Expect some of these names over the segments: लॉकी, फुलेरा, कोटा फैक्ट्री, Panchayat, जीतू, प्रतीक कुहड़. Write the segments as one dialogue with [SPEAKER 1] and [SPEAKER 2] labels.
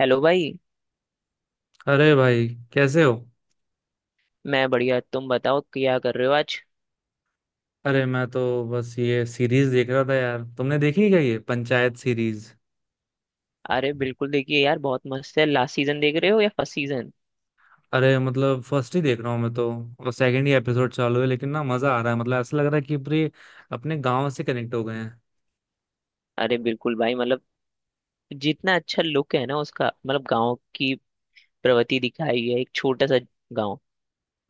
[SPEAKER 1] Hello भाई।
[SPEAKER 2] अरे भाई। कैसे हो?
[SPEAKER 1] मैं बढ़िया तुम बताओ क्या कर रहे हो आज।
[SPEAKER 2] अरे मैं तो बस ये सीरीज देख रहा था यार। तुमने देखी क्या ये पंचायत सीरीज?
[SPEAKER 1] अरे बिल्कुल देखिए यार बहुत मस्त है। लास्ट सीजन देख रहे हो या फर्स्ट सीजन?
[SPEAKER 2] अरे मतलब फर्स्ट ही देख रहा हूँ मैं तो। और सेकंड ही एपिसोड चालू है, लेकिन ना मजा आ रहा है। मतलब ऐसा लग रहा है कि पूरे अपने गांव से कनेक्ट हो गए हैं।
[SPEAKER 1] अरे बिल्कुल भाई मतलब जितना अच्छा लुक है ना उसका मतलब गांव की प्रवृत्ति दिखाई है। एक छोटा सा गांव।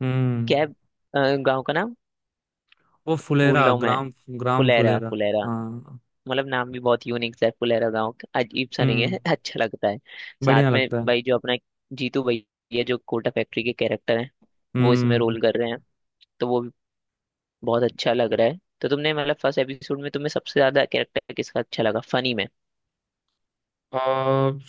[SPEAKER 2] हम्म।
[SPEAKER 1] क्या है, गांव का नाम
[SPEAKER 2] वो
[SPEAKER 1] भूल
[SPEAKER 2] फुलेरा
[SPEAKER 1] रहा हूँ मैं।
[SPEAKER 2] ग्राम। ग्राम
[SPEAKER 1] फुलेरा
[SPEAKER 2] फुलेरा।
[SPEAKER 1] फुलेरा।
[SPEAKER 2] हाँ।
[SPEAKER 1] मतलब नाम भी बहुत यूनिक सा है फुलेरा गांव का। अजीब सा नहीं
[SPEAKER 2] हम्म,
[SPEAKER 1] है अच्छा लगता है। साथ
[SPEAKER 2] बढ़िया
[SPEAKER 1] में
[SPEAKER 2] लगता है।
[SPEAKER 1] भाई जो अपना जीतू भैया जो कोटा फैक्ट्री के कैरेक्टर हैं वो इसमें
[SPEAKER 2] हम्म।
[SPEAKER 1] रोल कर रहे हैं। तो वो भी बहुत अच्छा लग रहा है। तो तुमने मतलब फर्स्ट एपिसोड में तुम्हें सबसे ज्यादा कैरेक्टर किसका अच्छा लगा फनी में?
[SPEAKER 2] अ,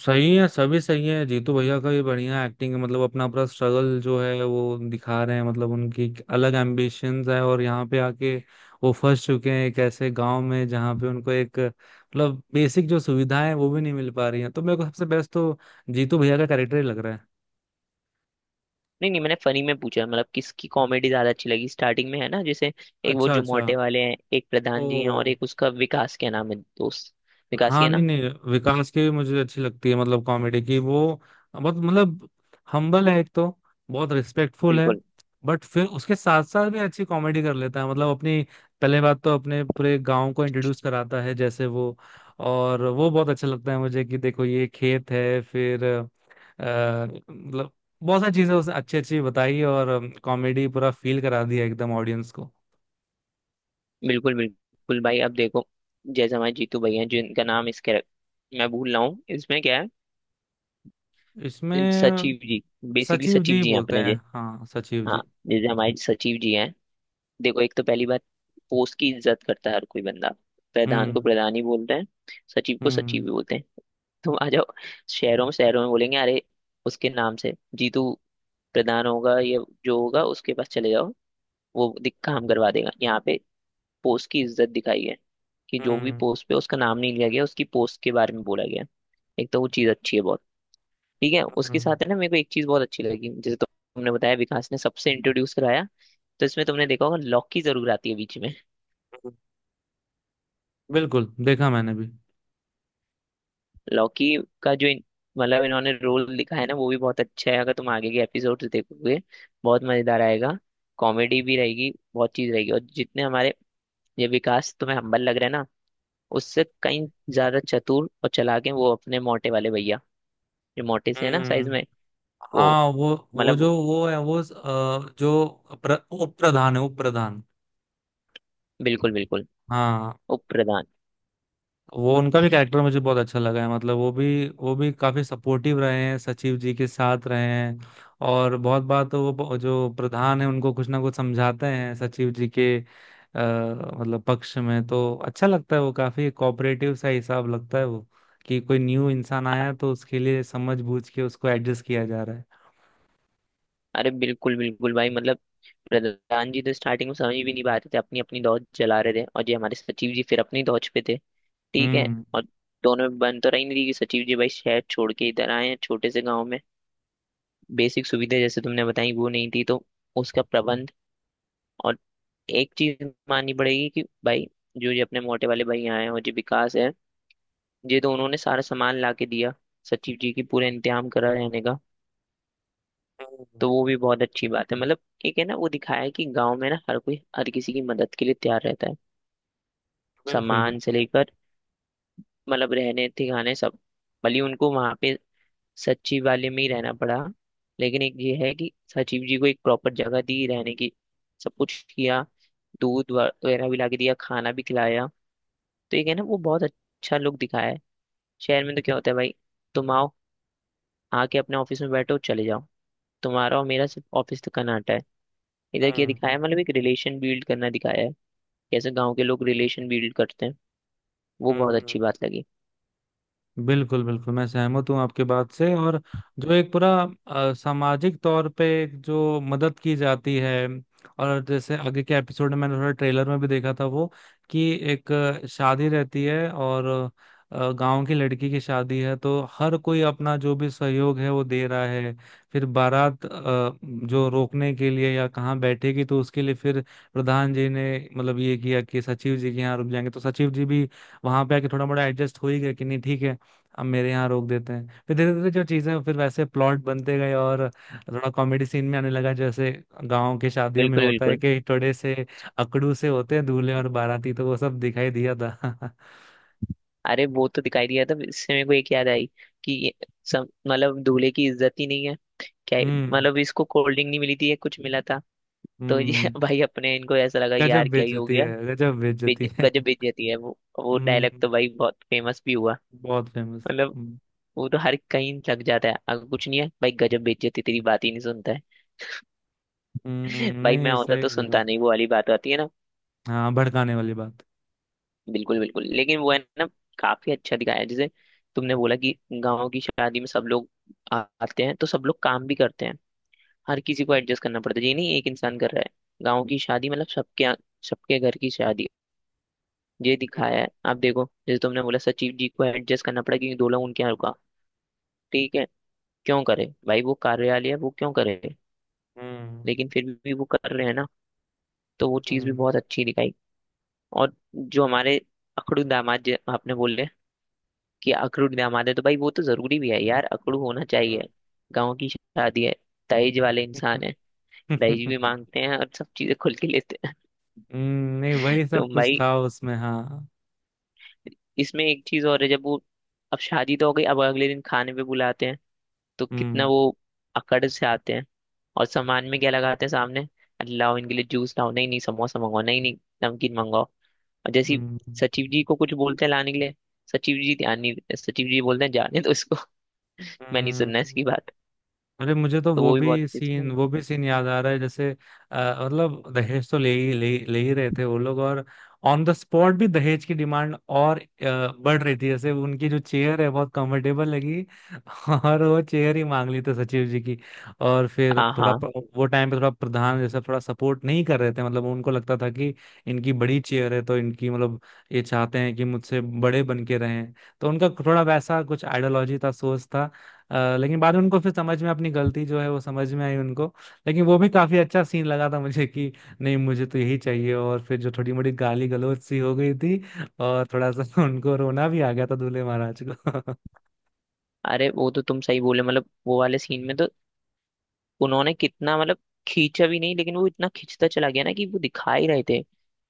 [SPEAKER 2] सही है, सभी सही है। जीतू भैया का भी बढ़िया एक्टिंग है। मतलब अपना पूरा स्ट्रगल जो है वो दिखा रहे हैं। मतलब उनकी एक अलग एम्बिशंस है और यहाँ पे आके वो फंस चुके हैं एक ऐसे गांव में, जहाँ पे उनको एक मतलब बेसिक जो सुविधाएं हैं, वो भी नहीं मिल पा रही हैं। तो मेरे को सबसे बेस्ट तो जीतू भैया का कैरेक्टर ही लग रहा है।
[SPEAKER 1] नहीं नहीं, मैंने फनी में पूछा। मतलब किसकी कॉमेडी ज्यादा अच्छी लगी स्टार्टिंग में, है ना? जैसे एक वो
[SPEAKER 2] अच्छा, अच्छा।
[SPEAKER 1] जुमोटे वाले हैं, एक
[SPEAKER 2] ओ।
[SPEAKER 1] प्रधान जी हैं, और एक उसका विकास, क्या नाम है दोस्त? विकास ही
[SPEAKER 2] हाँ,
[SPEAKER 1] है
[SPEAKER 2] नहीं
[SPEAKER 1] ना?
[SPEAKER 2] नहीं विकास की भी मुझे अच्छी लगती है। मतलब कॉमेडी की वो बहुत मतलब हम्बल है एक तो। बहुत रिस्पेक्टफुल है।
[SPEAKER 1] बिल्कुल
[SPEAKER 2] बट फिर उसके साथ साथ भी अच्छी कॉमेडी कर लेता है। मतलब अपनी पहले बात तो अपने पूरे गांव को इंट्रोड्यूस कराता है, जैसे वो। और वो बहुत अच्छा लगता है मुझे कि देखो ये खेत है, फिर मतलब बहुत सारी चीजें उसने अच्छी अच्छी बताई और कॉमेडी पूरा फील करा दिया एकदम ऑडियंस को।
[SPEAKER 1] बिल्कुल बिल्कुल भाई अब देखो। जैसे हमारे जीतू भैया हैं जिनका नाम इस कैरेक्टर मैं भूल रहा हूँ। इसमें क्या है,
[SPEAKER 2] इसमें
[SPEAKER 1] सचिव जी। बेसिकली
[SPEAKER 2] सचिव
[SPEAKER 1] सचिव
[SPEAKER 2] जी
[SPEAKER 1] जी हैं
[SPEAKER 2] बोलते
[SPEAKER 1] अपने जे
[SPEAKER 2] हैं। हाँ, सचिव जी।
[SPEAKER 1] हाँ, जैसे हमारे सचिव जी हैं। देखो, एक तो पहली बात, पोस्ट की इज्जत करता है हर कोई बंदा। प्रधान को
[SPEAKER 2] हम्म।
[SPEAKER 1] प्रधान ही बोलते हैं, सचिव को सचिव
[SPEAKER 2] हम्म।
[SPEAKER 1] ही बोलते हैं। तुम आ जाओ शहरों में बोलेंगे अरे उसके नाम से। जीतू, प्रधान होगा या जो होगा उसके पास चले जाओ वो काम करवा देगा यहाँ पे। पोस्ट की इज्जत दिखाई है कि जो भी
[SPEAKER 2] हम्म।
[SPEAKER 1] पोस्ट पे, उसका नाम नहीं लिया गया, उसकी पोस्ट के बारे में बोला गया। एक तो वो चीज अच्छी है बहुत। ठीक है,
[SPEAKER 2] हम्म,
[SPEAKER 1] उसके
[SPEAKER 2] हम्म,
[SPEAKER 1] साथ है ना मेरे को एक चीज बहुत अच्छी लगी। जैसे तुमने बताया विकास ने सबसे इंट्रोड्यूस कराया। तो इसमें तुमने देखा होगा लॉकी जरूर आती है बीच में।
[SPEAKER 2] बिल्कुल देखा मैंने भी।
[SPEAKER 1] लॉकी का जो मतलब इन्होंने रोल लिखा है ना वो भी बहुत अच्छा है। अगर तुम आगे के एपिसोड्स देखोगे बहुत मजेदार आएगा। कॉमेडी भी रहेगी, बहुत चीज रहेगी। और जितने हमारे ये विकास तुम्हें हम्बल लग रहा है ना उससे कहीं ज्यादा चतुर और चालाक है वो अपने मोटे वाले भैया, जो मोटे से है ना
[SPEAKER 2] हम्म।
[SPEAKER 1] साइज में वो,
[SPEAKER 2] हाँ, वो
[SPEAKER 1] मतलब।
[SPEAKER 2] जो वो है वो जो उप प्रधान है, उप प्रधान।
[SPEAKER 1] बिल्कुल बिल्कुल।
[SPEAKER 2] हाँ।
[SPEAKER 1] उप प्रधान।
[SPEAKER 2] वो उनका भी कैरेक्टर मुझे बहुत अच्छा लगा है। मतलब वो भी काफी सपोर्टिव रहे हैं, सचिव जी के साथ रहे हैं। और बहुत बार तो वो जो प्रधान है उनको कुछ ना कुछ समझाते हैं सचिव जी के मतलब पक्ष में। तो अच्छा लगता है। वो काफी कोऑपरेटिव सा हिसाब लगता है वो, कि कोई न्यू इंसान
[SPEAKER 1] अ-
[SPEAKER 2] आया है, तो उसके लिए समझ बूझ के उसको एडजस्ट किया जा रहा है।
[SPEAKER 1] अरे बिल्कुल बिल्कुल भाई मतलब, प्रधान जी तो स्टार्टिंग में समझ भी नहीं पाते थे, अपनी अपनी दौड़ चला रहे थे, और ये हमारे सचिव जी फिर अपनी दौड़ पे थे, ठीक है।
[SPEAKER 2] हम्म।
[SPEAKER 1] और दोनों में बन तो रही नहीं, रही कि सचिव जी भाई शहर छोड़ के इधर आए हैं छोटे से गांव में। बेसिक सुविधा जैसे तुमने बताई वो नहीं थी तो उसका प्रबंध। और एक चीज माननी पड़ेगी कि भाई, जो ये अपने मोटे वाले भैया हैं और जो विकास है, ये तो उन्होंने सारा सामान ला के दिया, सचिव जी की पूरा इंतजाम करा रहने का।
[SPEAKER 2] हम्म,
[SPEAKER 1] तो वो भी बहुत अच्छी बात है मतलब। एक है ना, वो दिखाया है कि गांव में ना हर कोई हर किसी की मदद के लिए तैयार रहता है।
[SPEAKER 2] बिल्कुल
[SPEAKER 1] सामान से
[SPEAKER 2] बिल्कुल।
[SPEAKER 1] लेकर मतलब रहने ठिकाने सब। भले ही उनको वहां पे सचिव वाले में ही रहना पड़ा, लेकिन एक ये है कि सचिव जी को एक प्रॉपर जगह दी रहने की। सब कुछ किया, दूध वगैरह भी ला के दिया, खाना भी खिलाया। तो ये है ना, वो बहुत अच्छा लुक दिखाया है। शहर में तो क्या होता है भाई? तुम आओ, आके अपने ऑफिस में बैठो, चले जाओ। तुम्हारा और मेरा सिर्फ ऑफिस का नाटा है। इधर क्या
[SPEAKER 2] हम्म।
[SPEAKER 1] दिखाया है? मतलब एक रिलेशन बिल्ड करना दिखाया है, कैसे गाँव के लोग रिलेशन बिल्ड करते हैं। वो बहुत
[SPEAKER 2] हम्म।
[SPEAKER 1] अच्छी बात लगी।
[SPEAKER 2] बिल्कुल बिल्कुल। मैं सहमत हूँ आपके बात से। और जो एक पूरा सामाजिक तौर पे एक जो मदद की जाती है, और जैसे आगे के एपिसोड में मैंने थोड़ा ट्रेलर में भी देखा था वो, कि एक शादी रहती है, और गांव की लड़की की शादी है। तो हर कोई अपना जो भी सहयोग है वो दे रहा है। फिर बारात जो रोकने के लिए या कहाँ बैठेगी तो उसके लिए फिर प्रधान जी ने मतलब ये किया कि सचिव जी के यहाँ रुक जाएंगे। तो सचिव जी भी वहां पे आके थोड़ा मोड़ा एडजस्ट हो ही गया कि नहीं ठीक है, अब मेरे यहाँ रोक देते हैं। फिर धीरे धीरे जो चीजें फिर वैसे प्लॉट बनते गए, और थोड़ा कॉमेडी सीन में आने लगा। जैसे गांव के शादियों में
[SPEAKER 1] बिल्कुल
[SPEAKER 2] होता है
[SPEAKER 1] बिल्कुल।
[SPEAKER 2] कि टोड़े से अकड़ू से होते हैं दूल्हे और बाराती, तो वो सब दिखाई दिया था।
[SPEAKER 1] अरे वो तो दिखाई दिया था, इससे मेरे को एक याद आई कि ये सब मतलब दूल्हे की इज्जत ही नहीं है क्या?
[SPEAKER 2] हम्म।
[SPEAKER 1] मतलब इसको कोल्ड ड्रिंक नहीं मिली थी या कुछ मिला था। तो ये
[SPEAKER 2] हम्म।
[SPEAKER 1] भाई अपने इनको ऐसा लगा यार
[SPEAKER 2] गजब
[SPEAKER 1] क्या ही हो
[SPEAKER 2] बेइज्जती
[SPEAKER 1] गया।
[SPEAKER 2] है, गजब बेइज्जती है।
[SPEAKER 1] गजब बेइज्जती है। वो डायलॉग
[SPEAKER 2] हम्म,
[SPEAKER 1] तो भाई बहुत फेमस भी हुआ।
[SPEAKER 2] बहुत फेमस।
[SPEAKER 1] मतलब
[SPEAKER 2] हम्म।
[SPEAKER 1] वो तो हर कहीं लग जाता है। अगर कुछ नहीं है भाई, गजब बेइज्जती, तेरी बात ही नहीं सुनता है। भाई मैं
[SPEAKER 2] नहीं,
[SPEAKER 1] होता
[SPEAKER 2] सही
[SPEAKER 1] तो
[SPEAKER 2] कह रहा
[SPEAKER 1] सुनता
[SPEAKER 2] हूँ।
[SPEAKER 1] नहीं, वो वाली बात आती है ना।
[SPEAKER 2] हाँ, भड़काने वाली बात।
[SPEAKER 1] बिल्कुल बिल्कुल लेकिन वो है ना, काफी अच्छा दिखाया है। जैसे तुमने बोला कि गाँव की शादी में सब लोग आते हैं, तो सब लोग काम भी करते हैं। हर किसी को एडजस्ट करना पड़ता है, ये नहीं एक इंसान कर रहा है। गाँव की शादी मतलब सबके घर की शादी, ये दिखाया
[SPEAKER 2] हम्म।
[SPEAKER 1] है। आप देखो जैसे तुमने बोला, सचिव जी को एडजस्ट करना पड़ा क्योंकि दो लोग उनके यहाँ रुका, ठीक है। क्यों करे भाई, वो कार्यालय है, वो क्यों करे?
[SPEAKER 2] हम्म।
[SPEAKER 1] लेकिन फिर भी वो कर रहे हैं ना। तो वो चीज़ भी
[SPEAKER 2] हम्म।
[SPEAKER 1] बहुत अच्छी दिखाई। और जो हमारे अखड़ू दामाद, आपने बोले कि अखड़ू दामाद है, तो भाई वो तो जरूरी भी है यार। अखड़ू होना चाहिए, गाँव की शादी है। दहेज वाले
[SPEAKER 2] हम्म।
[SPEAKER 1] इंसान है, दहेज भी मांगते हैं और सब चीजें खुल के लेते हैं।
[SPEAKER 2] नहीं, वही
[SPEAKER 1] तो
[SPEAKER 2] सब कुछ
[SPEAKER 1] भाई
[SPEAKER 2] था उसमें, हाँ।
[SPEAKER 1] इसमें एक चीज और है, जब वो, अब शादी तो हो गई, अब अगले दिन खाने पे बुलाते हैं, तो कितना
[SPEAKER 2] हम्म।
[SPEAKER 1] वो अकड़ से आते हैं। और सामान में क्या लगाते हैं सामने, लाओ इनके लिए जूस लाओ, नहीं नहीं समोसा मंगाओ, नहीं नहीं नमकीन मंगाओ। और जैसे ही
[SPEAKER 2] हम्म,
[SPEAKER 1] सचिव जी को कुछ बोलते हैं लाने के लिए, सचिव जी ध्यान नहीं, सचिव जी बोलते हैं जाने तो इसको। मैं नहीं सुनना
[SPEAKER 2] हम्म,
[SPEAKER 1] इसकी बात।
[SPEAKER 2] अरे मुझे तो
[SPEAKER 1] तो
[SPEAKER 2] वो
[SPEAKER 1] वो भी बहुत
[SPEAKER 2] भी
[SPEAKER 1] अच्छी
[SPEAKER 2] सीन,
[SPEAKER 1] बात-
[SPEAKER 2] वो भी सीन याद आ रहा है। जैसे अ, मतलब दहेज तो ले ही रहे थे वो लोग। और ऑन द स्पॉट भी दहेज की डिमांड और बढ़ रही थी। जैसे उनकी जो चेयर है बहुत कंफर्टेबल लगी, और वो चेयर ही मांग ली थी सचिव जी की। और फिर
[SPEAKER 1] हाँ
[SPEAKER 2] थोड़ा
[SPEAKER 1] हाँ,
[SPEAKER 2] वो टाइम पे थोड़ा प्रधान जैसा थोड़ा सपोर्ट नहीं कर रहे थे। मतलब उनको लगता था कि इनकी बड़ी चेयर है, तो इनकी मतलब ये चाहते हैं कि मुझसे बड़े बन के रहें। तो उनका थोड़ा वैसा कुछ आइडियोलॉजी था, सोच था। लेकिन बाद में उनको फिर समझ में अपनी गलती जो है वो समझ में आई उनको। लेकिन वो भी काफी अच्छा सीन लगा था मुझे, कि नहीं मुझे तो यही चाहिए। और फिर जो थोड़ी मोड़ी गाली गलौज सी हो गई थी, और थोड़ा सा उनको रोना भी आ गया था दूल्हे महाराज को।
[SPEAKER 1] अरे वो तो तुम सही बोले। मतलब वो वाले सीन में तो उन्होंने कितना मतलब खींचा भी नहीं, लेकिन वो इतना खींचता चला गया ना, कि वो दिखा ही रहे थे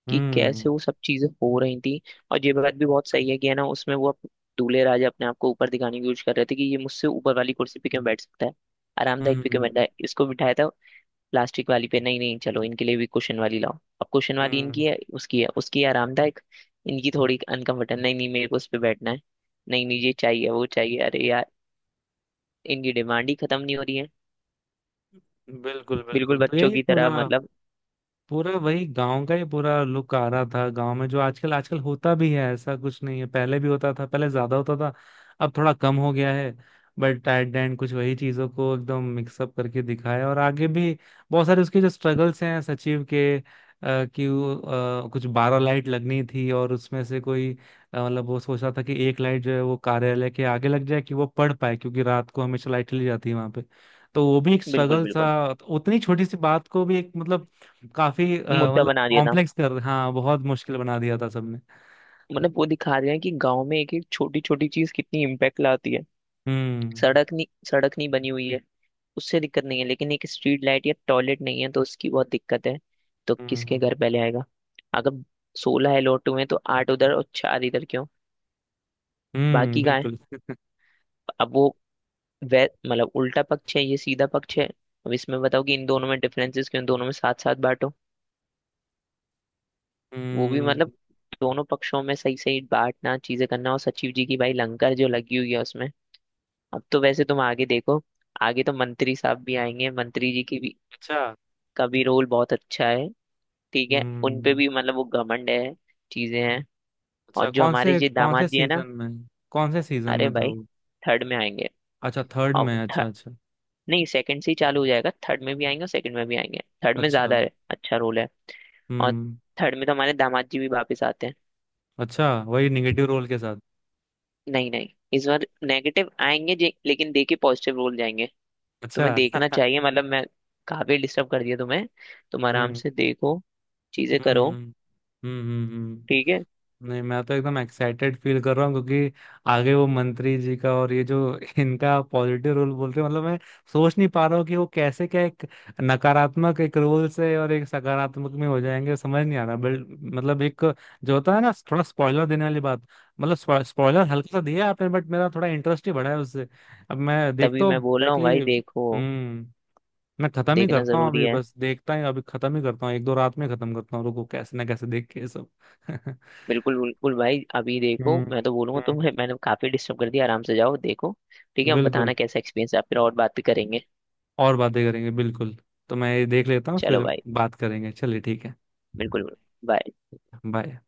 [SPEAKER 1] कि
[SPEAKER 2] हम्म।
[SPEAKER 1] कैसे वो सब चीजें हो रही थी। और ये बात भी बहुत सही है कि है ना, उसमें वो दूल्हे राजा अपने आप को ऊपर दिखाने की कोशिश कर रहे थे कि ये मुझसे ऊपर वाली कुर्सी पे क्यों बैठ सकता है? आरामदायक पे क्यों
[SPEAKER 2] हम्म।
[SPEAKER 1] बैठा है? इसको बिठाया था प्लास्टिक वाली पे, नहीं नहीं चलो इनके लिए भी कुशन वाली लाओ। अब कुशन वाली,
[SPEAKER 2] हम्म।
[SPEAKER 1] इनकी है, उसकी है, उसकी है, आरामदायक। इनकी थोड़ी अनकंफर्टेबल, नहीं नहीं मेरे को उस पे बैठना है। नहीं नहीं ये चाहिए वो चाहिए, अरे यार इनकी डिमांड ही खत्म नहीं हो रही है।
[SPEAKER 2] बिल्कुल
[SPEAKER 1] बिल्कुल
[SPEAKER 2] बिल्कुल। तो
[SPEAKER 1] बच्चों
[SPEAKER 2] यही
[SPEAKER 1] की
[SPEAKER 2] पूरा,
[SPEAKER 1] तरह
[SPEAKER 2] हाँ,
[SPEAKER 1] मतलब।
[SPEAKER 2] पूरा वही गांव का ही पूरा लुक आ रहा था। गांव में जो आजकल आजकल होता भी है, ऐसा कुछ नहीं है, पहले भी होता था, पहले ज्यादा होता था, अब थोड़ा कम हो गया है। बट एट द एंड कुछ वही चीजों को एकदम मिक्सअप करके दिखाया। और आगे भी बहुत सारे उसके जो स्ट्रगल्स हैं सचिव के कि वो, कुछ 12 लाइट लगनी थी और उसमें से कोई मतलब वो सोच रहा था कि एक लाइट जो है वो कार्यालय के आगे लग जाए कि वो पढ़ पाए, क्योंकि रात को हमेशा लाइट चली जाती है वहां पे। तो वो भी एक
[SPEAKER 1] बिल्कुल
[SPEAKER 2] स्ट्रगल
[SPEAKER 1] बिल्कुल
[SPEAKER 2] था। तो उतनी छोटी सी बात को भी एक मतलब काफी
[SPEAKER 1] मुद्दा
[SPEAKER 2] मतलब
[SPEAKER 1] बना दिया था।
[SPEAKER 2] कॉम्प्लेक्स कर, हाँ बहुत मुश्किल बना दिया था सबने।
[SPEAKER 1] मतलब वो दिखा रहे हैं कि गांव में एक एक छोटी छोटी चीज कितनी इम्पैक्ट लाती है।
[SPEAKER 2] हम्म।
[SPEAKER 1] सड़क नहीं, सड़क नहीं बनी हुई है, उससे दिक्कत नहीं है, लेकिन एक स्ट्रीट लाइट या टॉयलेट नहीं है तो उसकी बहुत दिक्कत है। तो किसके
[SPEAKER 2] हम्म।
[SPEAKER 1] घर पहले आएगा? अगर 16 है लोट हुए हैं, तो आठ उधर और चार इधर क्यों?
[SPEAKER 2] हम्म।
[SPEAKER 1] बाकी कहाँ है?
[SPEAKER 2] बिल्कुल।
[SPEAKER 1] अब वो, वे मतलब उल्टा पक्ष है, ये सीधा पक्ष है, अब इसमें बताओ कि इन दोनों में डिफरेंसेस क्यों? दोनों में साथ साथ बांटो। वो भी मतलब
[SPEAKER 2] हम्म।
[SPEAKER 1] दोनों पक्षों में सही सही बांटना, चीजें करना। और सचिव जी की भाई लंगर जो लगी हुई है उसमें। अब तो वैसे तुम आगे देखो। आगे तो मंत्री साहब भी आएंगे, मंत्री जी की भी,
[SPEAKER 2] अच्छा।
[SPEAKER 1] का भी रोल बहुत अच्छा है, ठीक है। उन पे
[SPEAKER 2] हम्म।
[SPEAKER 1] भी मतलब वो घमंड है, चीजें हैं। और
[SPEAKER 2] अच्छा,
[SPEAKER 1] जो
[SPEAKER 2] कौन
[SPEAKER 1] हमारे
[SPEAKER 2] से
[SPEAKER 1] ये
[SPEAKER 2] कौन से
[SPEAKER 1] दामाद जी है ना,
[SPEAKER 2] सीजन में? कौन से सीजन
[SPEAKER 1] अरे
[SPEAKER 2] में था
[SPEAKER 1] भाई
[SPEAKER 2] वो?
[SPEAKER 1] थर्ड में आएंगे।
[SPEAKER 2] अच्छा, थर्ड
[SPEAKER 1] और
[SPEAKER 2] में। अच्छा,
[SPEAKER 1] थर्ड,
[SPEAKER 2] अच्छा।
[SPEAKER 1] नहीं, सेकंड से ही चालू हो जाएगा। थर्ड में भी आएंगे और सेकंड में भी आएंगे, थर्ड में ज्यादा
[SPEAKER 2] अच्छा।
[SPEAKER 1] है, अच्छा रोल है। और
[SPEAKER 2] हम्म।
[SPEAKER 1] थर्ड में तो हमारे दामाद जी भी वापस आते हैं।
[SPEAKER 2] अच्छा, वही निगेटिव रोल के साथ?
[SPEAKER 1] नहीं नहीं, इस बार नेगेटिव आएंगे लेकिन देके पॉजिटिव रोल जाएंगे। तुम्हें
[SPEAKER 2] अच्छा।
[SPEAKER 1] देखना चाहिए मतलब। मैं काफी डिस्टर्ब कर दिया तुम्हें, तुम आराम
[SPEAKER 2] हम्म।
[SPEAKER 1] से देखो, चीजें करो,
[SPEAKER 2] हम्म। हम्म। हम्म। हम्म।
[SPEAKER 1] ठीक है।
[SPEAKER 2] नहीं, मैं तो एकदम एक्साइटेड फील कर रहा हूँ, क्योंकि आगे वो मंत्री जी का, और ये जो इनका पॉजिटिव रोल बोल रहे हैं, मतलब मैं सोच नहीं पा रहा हूँ कि वो कैसे क्या एक नकारात्मक एक रोल से और एक सकारात्मक में हो जाएंगे, समझ नहीं आ रहा, मतलब एक जो होता है ना, थोड़ा स्पॉइलर देने वाली बात। मतलब स्पॉइलर हल्का सा दिया आपने, बट मेरा थोड़ा इंटरेस्ट ही बढ़ा है उससे। अब मैं
[SPEAKER 1] तभी
[SPEAKER 2] देखता
[SPEAKER 1] मैं
[SPEAKER 2] हूँ
[SPEAKER 1] बोल रहा हूँ
[SPEAKER 2] डायरेक्टली।
[SPEAKER 1] भाई, देखो,
[SPEAKER 2] हम्म। मैं खत्म ही
[SPEAKER 1] देखना
[SPEAKER 2] करता हूँ
[SPEAKER 1] जरूरी
[SPEAKER 2] अभी,
[SPEAKER 1] है।
[SPEAKER 2] बस देखता ही अभी, खत्म ही करता हूँ, एक दो रात में खत्म करता हूँ। रुको, कैसे ना कैसे देख के ये सब।
[SPEAKER 1] बिल्कुल बिल्कुल भाई अभी देखो।
[SPEAKER 2] हम्म।
[SPEAKER 1] मैं तो बोलूंगा
[SPEAKER 2] हम्म।
[SPEAKER 1] तुम्हें, मैंने काफी डिस्टर्ब कर दिया, आराम से जाओ देखो, ठीक है। हम
[SPEAKER 2] बिल्कुल।
[SPEAKER 1] बताना कैसा एक्सपीरियंस है फिर और बात भी करेंगे।
[SPEAKER 2] और बातें करेंगे, बिल्कुल। तो मैं ये देख लेता हूँ
[SPEAKER 1] चलो
[SPEAKER 2] फिर।
[SPEAKER 1] भाई,
[SPEAKER 2] बात करेंगे। चलिए, ठीक है।
[SPEAKER 1] बिल्कुल। बाय।
[SPEAKER 2] बाय।